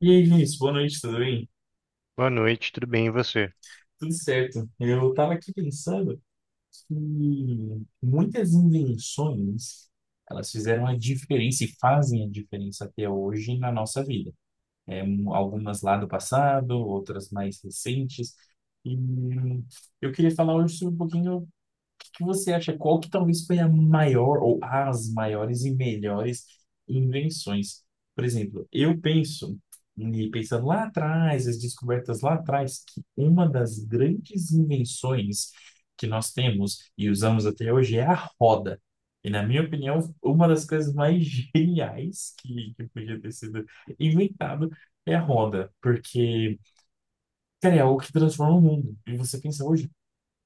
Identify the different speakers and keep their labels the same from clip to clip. Speaker 1: E aí, Vinícius, boa noite, tudo bem?
Speaker 2: Boa noite, tudo bem e você?
Speaker 1: Tudo certo. Eu estava aqui pensando que muitas invenções, elas fizeram a diferença e fazem a diferença até hoje na nossa vida. Algumas lá do passado, outras mais recentes. E eu queria falar hoje sobre um pouquinho que você acha qual que talvez foi a maior ou as maiores e melhores invenções? Por exemplo, eu penso, e pensando lá atrás, as descobertas lá atrás, que uma das grandes invenções que nós temos e usamos até hoje é a roda. E, na minha opinião, uma das coisas mais geniais que podia ter sido inventado é a roda, porque, cara, é algo que transforma o mundo. E você pensa hoje,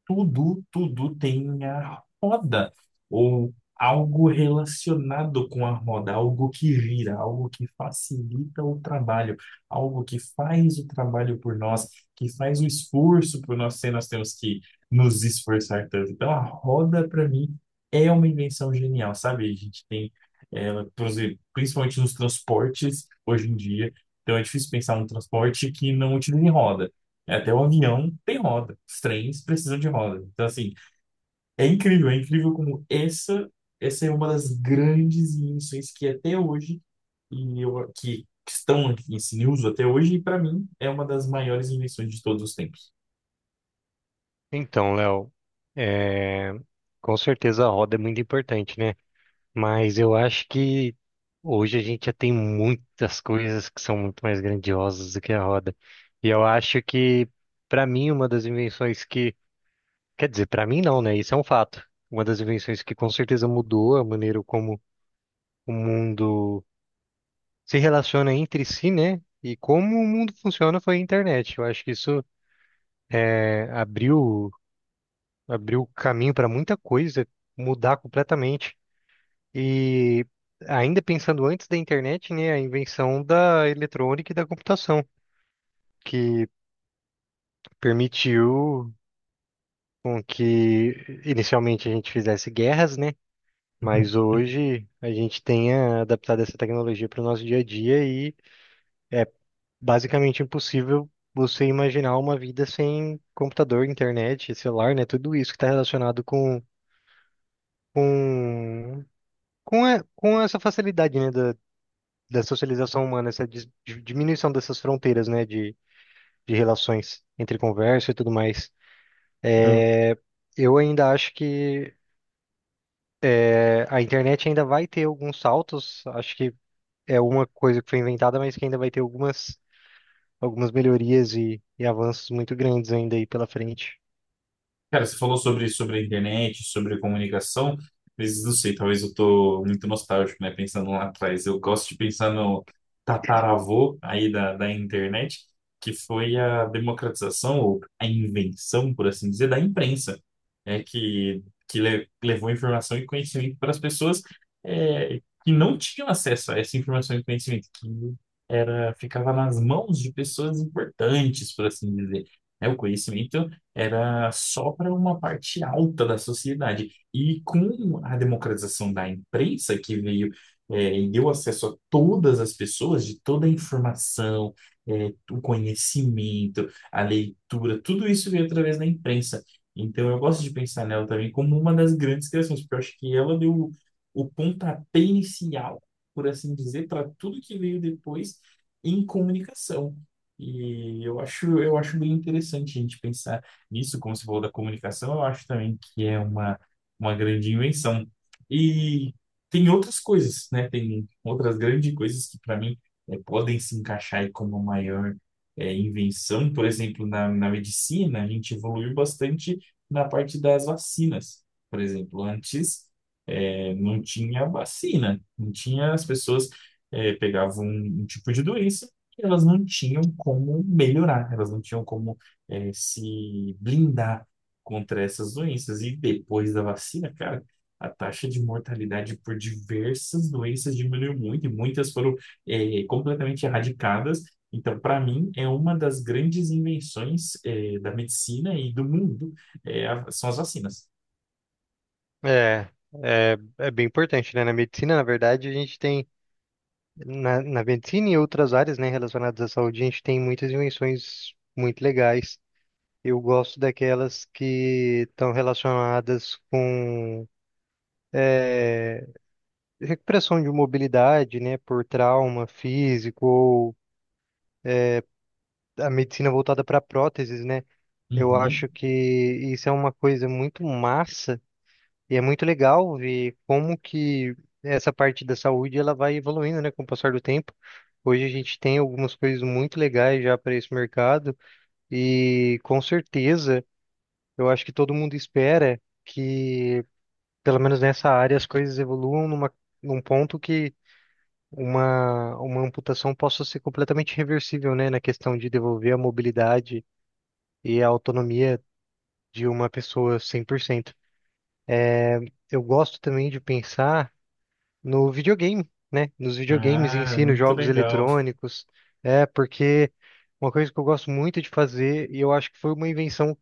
Speaker 1: tudo tem a roda, ou algo relacionado com a roda, algo que gira, algo que facilita o trabalho, algo que faz o trabalho por nós, que faz o esforço por nós, se nós temos que nos esforçar tanto. Então, a roda, para mim, é uma invenção genial, sabe? A gente tem ela, por exemplo, principalmente nos transportes, hoje em dia. Então, é difícil pensar num transporte que não utilize roda. Até o avião tem roda. Os trens precisam de roda. Então, assim, é incrível como essa é uma das grandes invenções que é até hoje, e eu, que, que estão aqui em uso até hoje, e para mim é uma das maiores invenções de todos os tempos.
Speaker 2: Então, Léo, é, com certeza a roda é muito importante, né? Mas eu acho que hoje a gente já tem muitas coisas que são muito mais grandiosas do que a roda. E eu acho que, para mim, uma das invenções que. Quer dizer, para mim não, né? Isso é um fato. Uma das invenções que com certeza mudou a maneira como o mundo se relaciona entre si, né? E como o mundo funciona foi a internet. Eu acho que abriu abriu caminho para muita coisa mudar completamente. E ainda pensando antes da internet, né, a invenção da eletrônica e da computação, que permitiu com que inicialmente a gente fizesse guerras, né? Mas hoje a gente tenha adaptado essa tecnologia para o nosso dia a dia e é basicamente impossível você imaginar uma vida sem computador, internet, celular, né? Tudo isso que está relacionado com com essa facilidade, né, da socialização humana, essa diminuição dessas fronteiras, né, de relações entre conversa e tudo mais, eu ainda acho que a internet ainda vai ter alguns saltos. Acho que é uma coisa que foi inventada, mas que ainda vai ter algumas melhorias e avanços muito grandes ainda aí pela frente.
Speaker 1: Cara, você falou sobre a internet, sobre comunicação, mas não sei, talvez eu tô muito nostálgico, né? Pensando lá atrás. Eu gosto de pensar no tataravô aí da internet, que foi a democratização, ou a invenção, por assim dizer, da imprensa, é que, levou informação e conhecimento para as pessoas é, que não tinham acesso a essa informação e conhecimento, que era, ficava nas mãos de pessoas importantes, por assim dizer, né? O conhecimento era só para uma parte alta da sociedade. E com a democratização da imprensa, que veio, e deu acesso a todas as pessoas, de toda a informação, o conhecimento, a leitura, tudo isso veio através da imprensa. Então eu gosto de pensar nela também como uma das grandes criações, porque eu acho que ela deu o pontapé inicial, por assim dizer, para tudo que veio depois em comunicação. E eu acho bem interessante a gente pensar isso, como você falou da comunicação, eu acho também que é uma grande invenção. E tem outras coisas, né? Tem outras grandes coisas que, para mim, podem se encaixar aí como maior invenção. Por exemplo, na medicina, a gente evoluiu bastante na parte das vacinas. Por exemplo, antes não tinha vacina, não tinha, as pessoas pegavam um tipo de doença e elas não tinham como melhorar, elas não tinham como se blindar contra essas doenças. E depois da vacina, cara, a taxa de mortalidade por diversas doenças diminuiu muito e muitas foram, completamente erradicadas. Então, para mim, é uma das grandes invenções, da medicina e do mundo, são as vacinas.
Speaker 2: É, é bem importante, né? Na medicina, na verdade, a gente tem, na medicina e outras áreas, né, relacionadas à saúde, a gente tem muitas invenções muito legais. Eu gosto daquelas que estão relacionadas com recuperação de mobilidade, né, por trauma físico ou a medicina voltada para próteses, né? Eu
Speaker 1: Uhum.
Speaker 2: acho que isso é uma coisa muito massa e é muito legal ver como que essa parte da saúde ela vai evoluindo, né, com o passar do tempo. Hoje a gente tem algumas coisas muito legais já para esse mercado e com certeza eu acho que todo mundo espera que pelo menos nessa área, as coisas evoluam num ponto que uma amputação possa ser completamente reversível, né? Na questão de devolver a mobilidade e a autonomia de uma pessoa 100%. Eu gosto também de pensar no videogame, né? Nos videogames em
Speaker 1: Ah,
Speaker 2: si, nos
Speaker 1: muito
Speaker 2: jogos
Speaker 1: legal.
Speaker 2: eletrônicos. É, porque uma coisa que eu gosto muito de fazer, e eu acho que foi uma invenção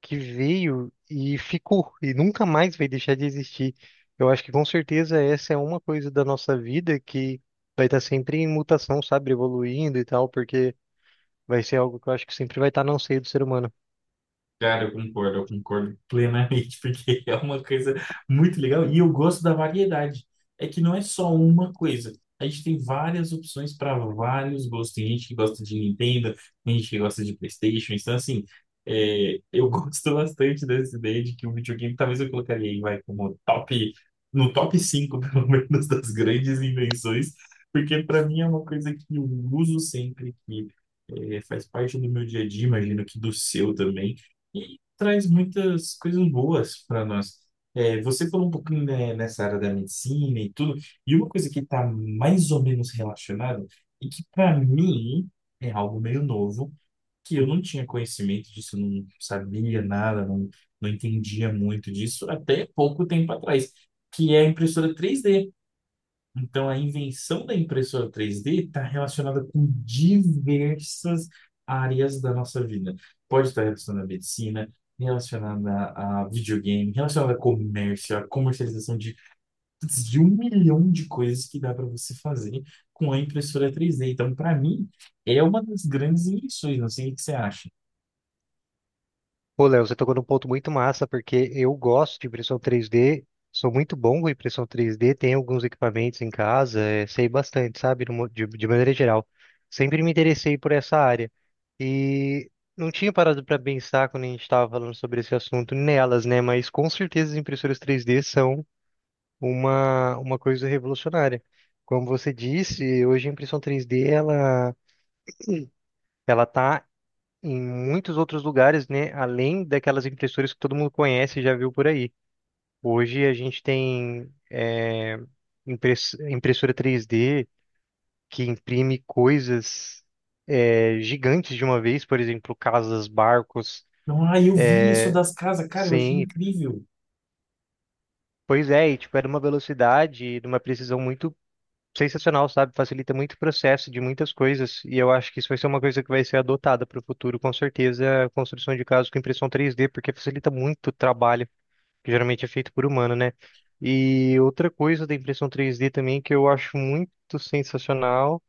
Speaker 2: que veio e ficou e nunca mais vai deixar de existir. Eu acho que com certeza essa é uma coisa da nossa vida que vai estar sempre em mutação, sabe, evoluindo e tal, porque vai ser algo que eu acho que sempre vai estar no seio do ser humano.
Speaker 1: Cara, eu concordo plenamente, porque é uma coisa muito legal e eu gosto da variedade. É que não é só uma coisa. A gente tem várias opções para vários gostos. Tem gente que gosta de Nintendo, tem gente que gosta de PlayStation. Então, assim, eu gosto bastante dessa ideia de que o videogame talvez eu colocaria aí, vai, como top, no top 5, pelo menos, das grandes invenções, porque para mim é uma coisa que eu uso sempre, que faz parte do meu dia a dia, imagino que do seu também e traz muitas coisas boas para nós. É, você falou um pouquinho, né, nessa área da medicina e tudo, e uma coisa que está mais ou menos relacionada, e que para mim é algo meio novo, que eu não tinha conhecimento disso, não sabia nada, não entendia muito disso até pouco tempo atrás, que é a impressora 3D. Então, a invenção da impressora 3D está relacionada com diversas áreas da nossa vida. Pode estar relacionada à medicina, relacionada a videogame, relacionada a comércio, a comercialização de, putz, de um milhão de coisas que dá para você fazer com a impressora 3D. Então, para mim, é uma das grandes invenções. Não sei o que você acha.
Speaker 2: Pô, Léo, você tocou num ponto muito massa, porque eu gosto de impressão 3D, sou muito bom com impressão 3D, tenho alguns equipamentos em casa, sei bastante, sabe, de maneira geral. Sempre me interessei por essa área. E não tinha parado para pensar quando a gente estava falando sobre esse assunto nelas, né? Mas com certeza as impressoras 3D são uma coisa revolucionária. Como você disse, hoje a impressão 3D, ela. Ela está em muitos outros lugares, né? Além daquelas impressoras que todo mundo conhece e já viu por aí. Hoje a gente tem impressora 3D que imprime coisas gigantes de uma vez, por exemplo, casas, barcos.
Speaker 1: Então, ah, eu vi isso das casas, cara, eu achei
Speaker 2: Sim,
Speaker 1: incrível.
Speaker 2: pois é, e tipo, é de uma velocidade e de uma precisão muito sensacional, sabe? Facilita muito o processo de muitas coisas. E eu acho que isso vai ser uma coisa que vai ser adotada para o futuro, com certeza, a construção de casas com impressão 3D, porque facilita muito o trabalho que geralmente é feito por humano, né? E outra coisa da impressão 3D também que eu acho muito sensacional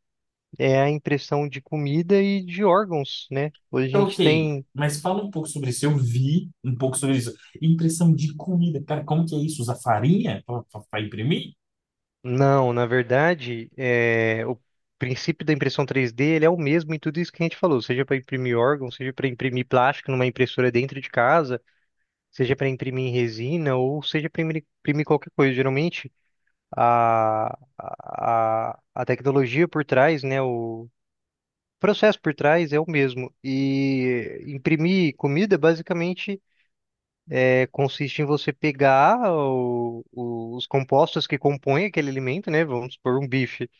Speaker 2: é a impressão de comida e de órgãos, né? Hoje a
Speaker 1: Então,
Speaker 2: gente
Speaker 1: ok,
Speaker 2: tem.
Speaker 1: mas fala um pouco sobre isso. Eu vi um pouco sobre isso. Impressão de comida. Cara, como que é isso? Usar farinha pra imprimir?
Speaker 2: Não, na verdade, o princípio da impressão 3D ele é o mesmo em tudo isso que a gente falou, seja para imprimir órgãos, seja para imprimir plástico numa impressora dentro de casa, seja para imprimir resina ou seja para imprimir imprimir qualquer coisa. Geralmente, a tecnologia por trás, né? processo por trás é o mesmo. E imprimir comida, basicamente, consiste em você pegar os compostos que compõem aquele alimento, né? Vamos supor, um bife.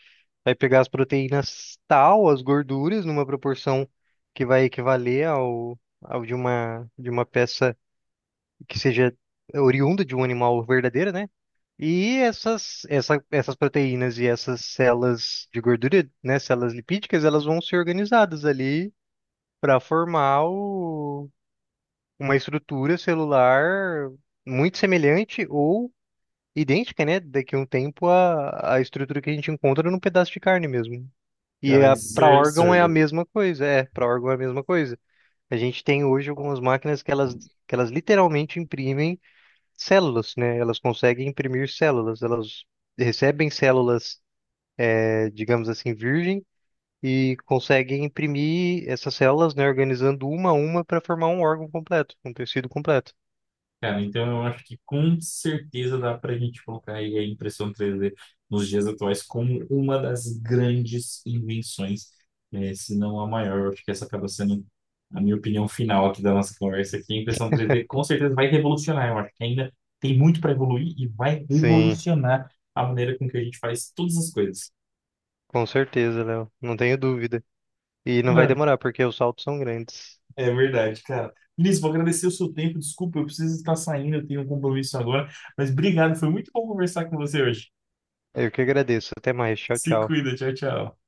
Speaker 2: Vai pegar as proteínas tal, as gorduras, numa proporção que vai equivaler ao de de uma peça que seja oriunda de um animal verdadeiro, né? E essas proteínas e essas células de gordura, né, células lipídicas, elas vão ser organizadas ali para formar uma estrutura celular muito semelhante ou idêntica, né, daqui a um tempo à, à estrutura que a gente encontra num pedaço de carne mesmo. E
Speaker 1: Cara,
Speaker 2: a
Speaker 1: isso
Speaker 2: para
Speaker 1: é
Speaker 2: órgão é a
Speaker 1: absurdo.
Speaker 2: mesma coisa, para órgão é a mesma coisa. A gente tem hoje algumas máquinas que elas literalmente imprimem células, né? Elas conseguem imprimir células, elas recebem células, digamos assim, virgens e consegue imprimir essas células, né, organizando uma a uma para formar um órgão completo, um tecido completo.
Speaker 1: Cara, então eu acho que com certeza dá para a gente colocar aí a impressão 3D nos dias atuais como uma das grandes invenções, né, se não a maior. Eu acho que essa acaba sendo a minha opinião final aqui da nossa conversa aqui. A impressão 3D com certeza vai revolucionar. Eu acho que ainda tem muito para evoluir e vai
Speaker 2: Sim,
Speaker 1: revolucionar a maneira com que a gente faz todas as coisas.
Speaker 2: com certeza, Léo, não tenho dúvida. E não vai
Speaker 1: Não,
Speaker 2: demorar porque os saltos são grandes.
Speaker 1: é verdade, cara. Vinícius, vou agradecer o seu tempo. Desculpa, eu preciso estar saindo, eu tenho um compromisso agora. Mas obrigado, foi muito bom conversar com você hoje.
Speaker 2: Eu que agradeço. Até mais. Tchau,
Speaker 1: Se
Speaker 2: tchau.
Speaker 1: cuida, tchau, tchau.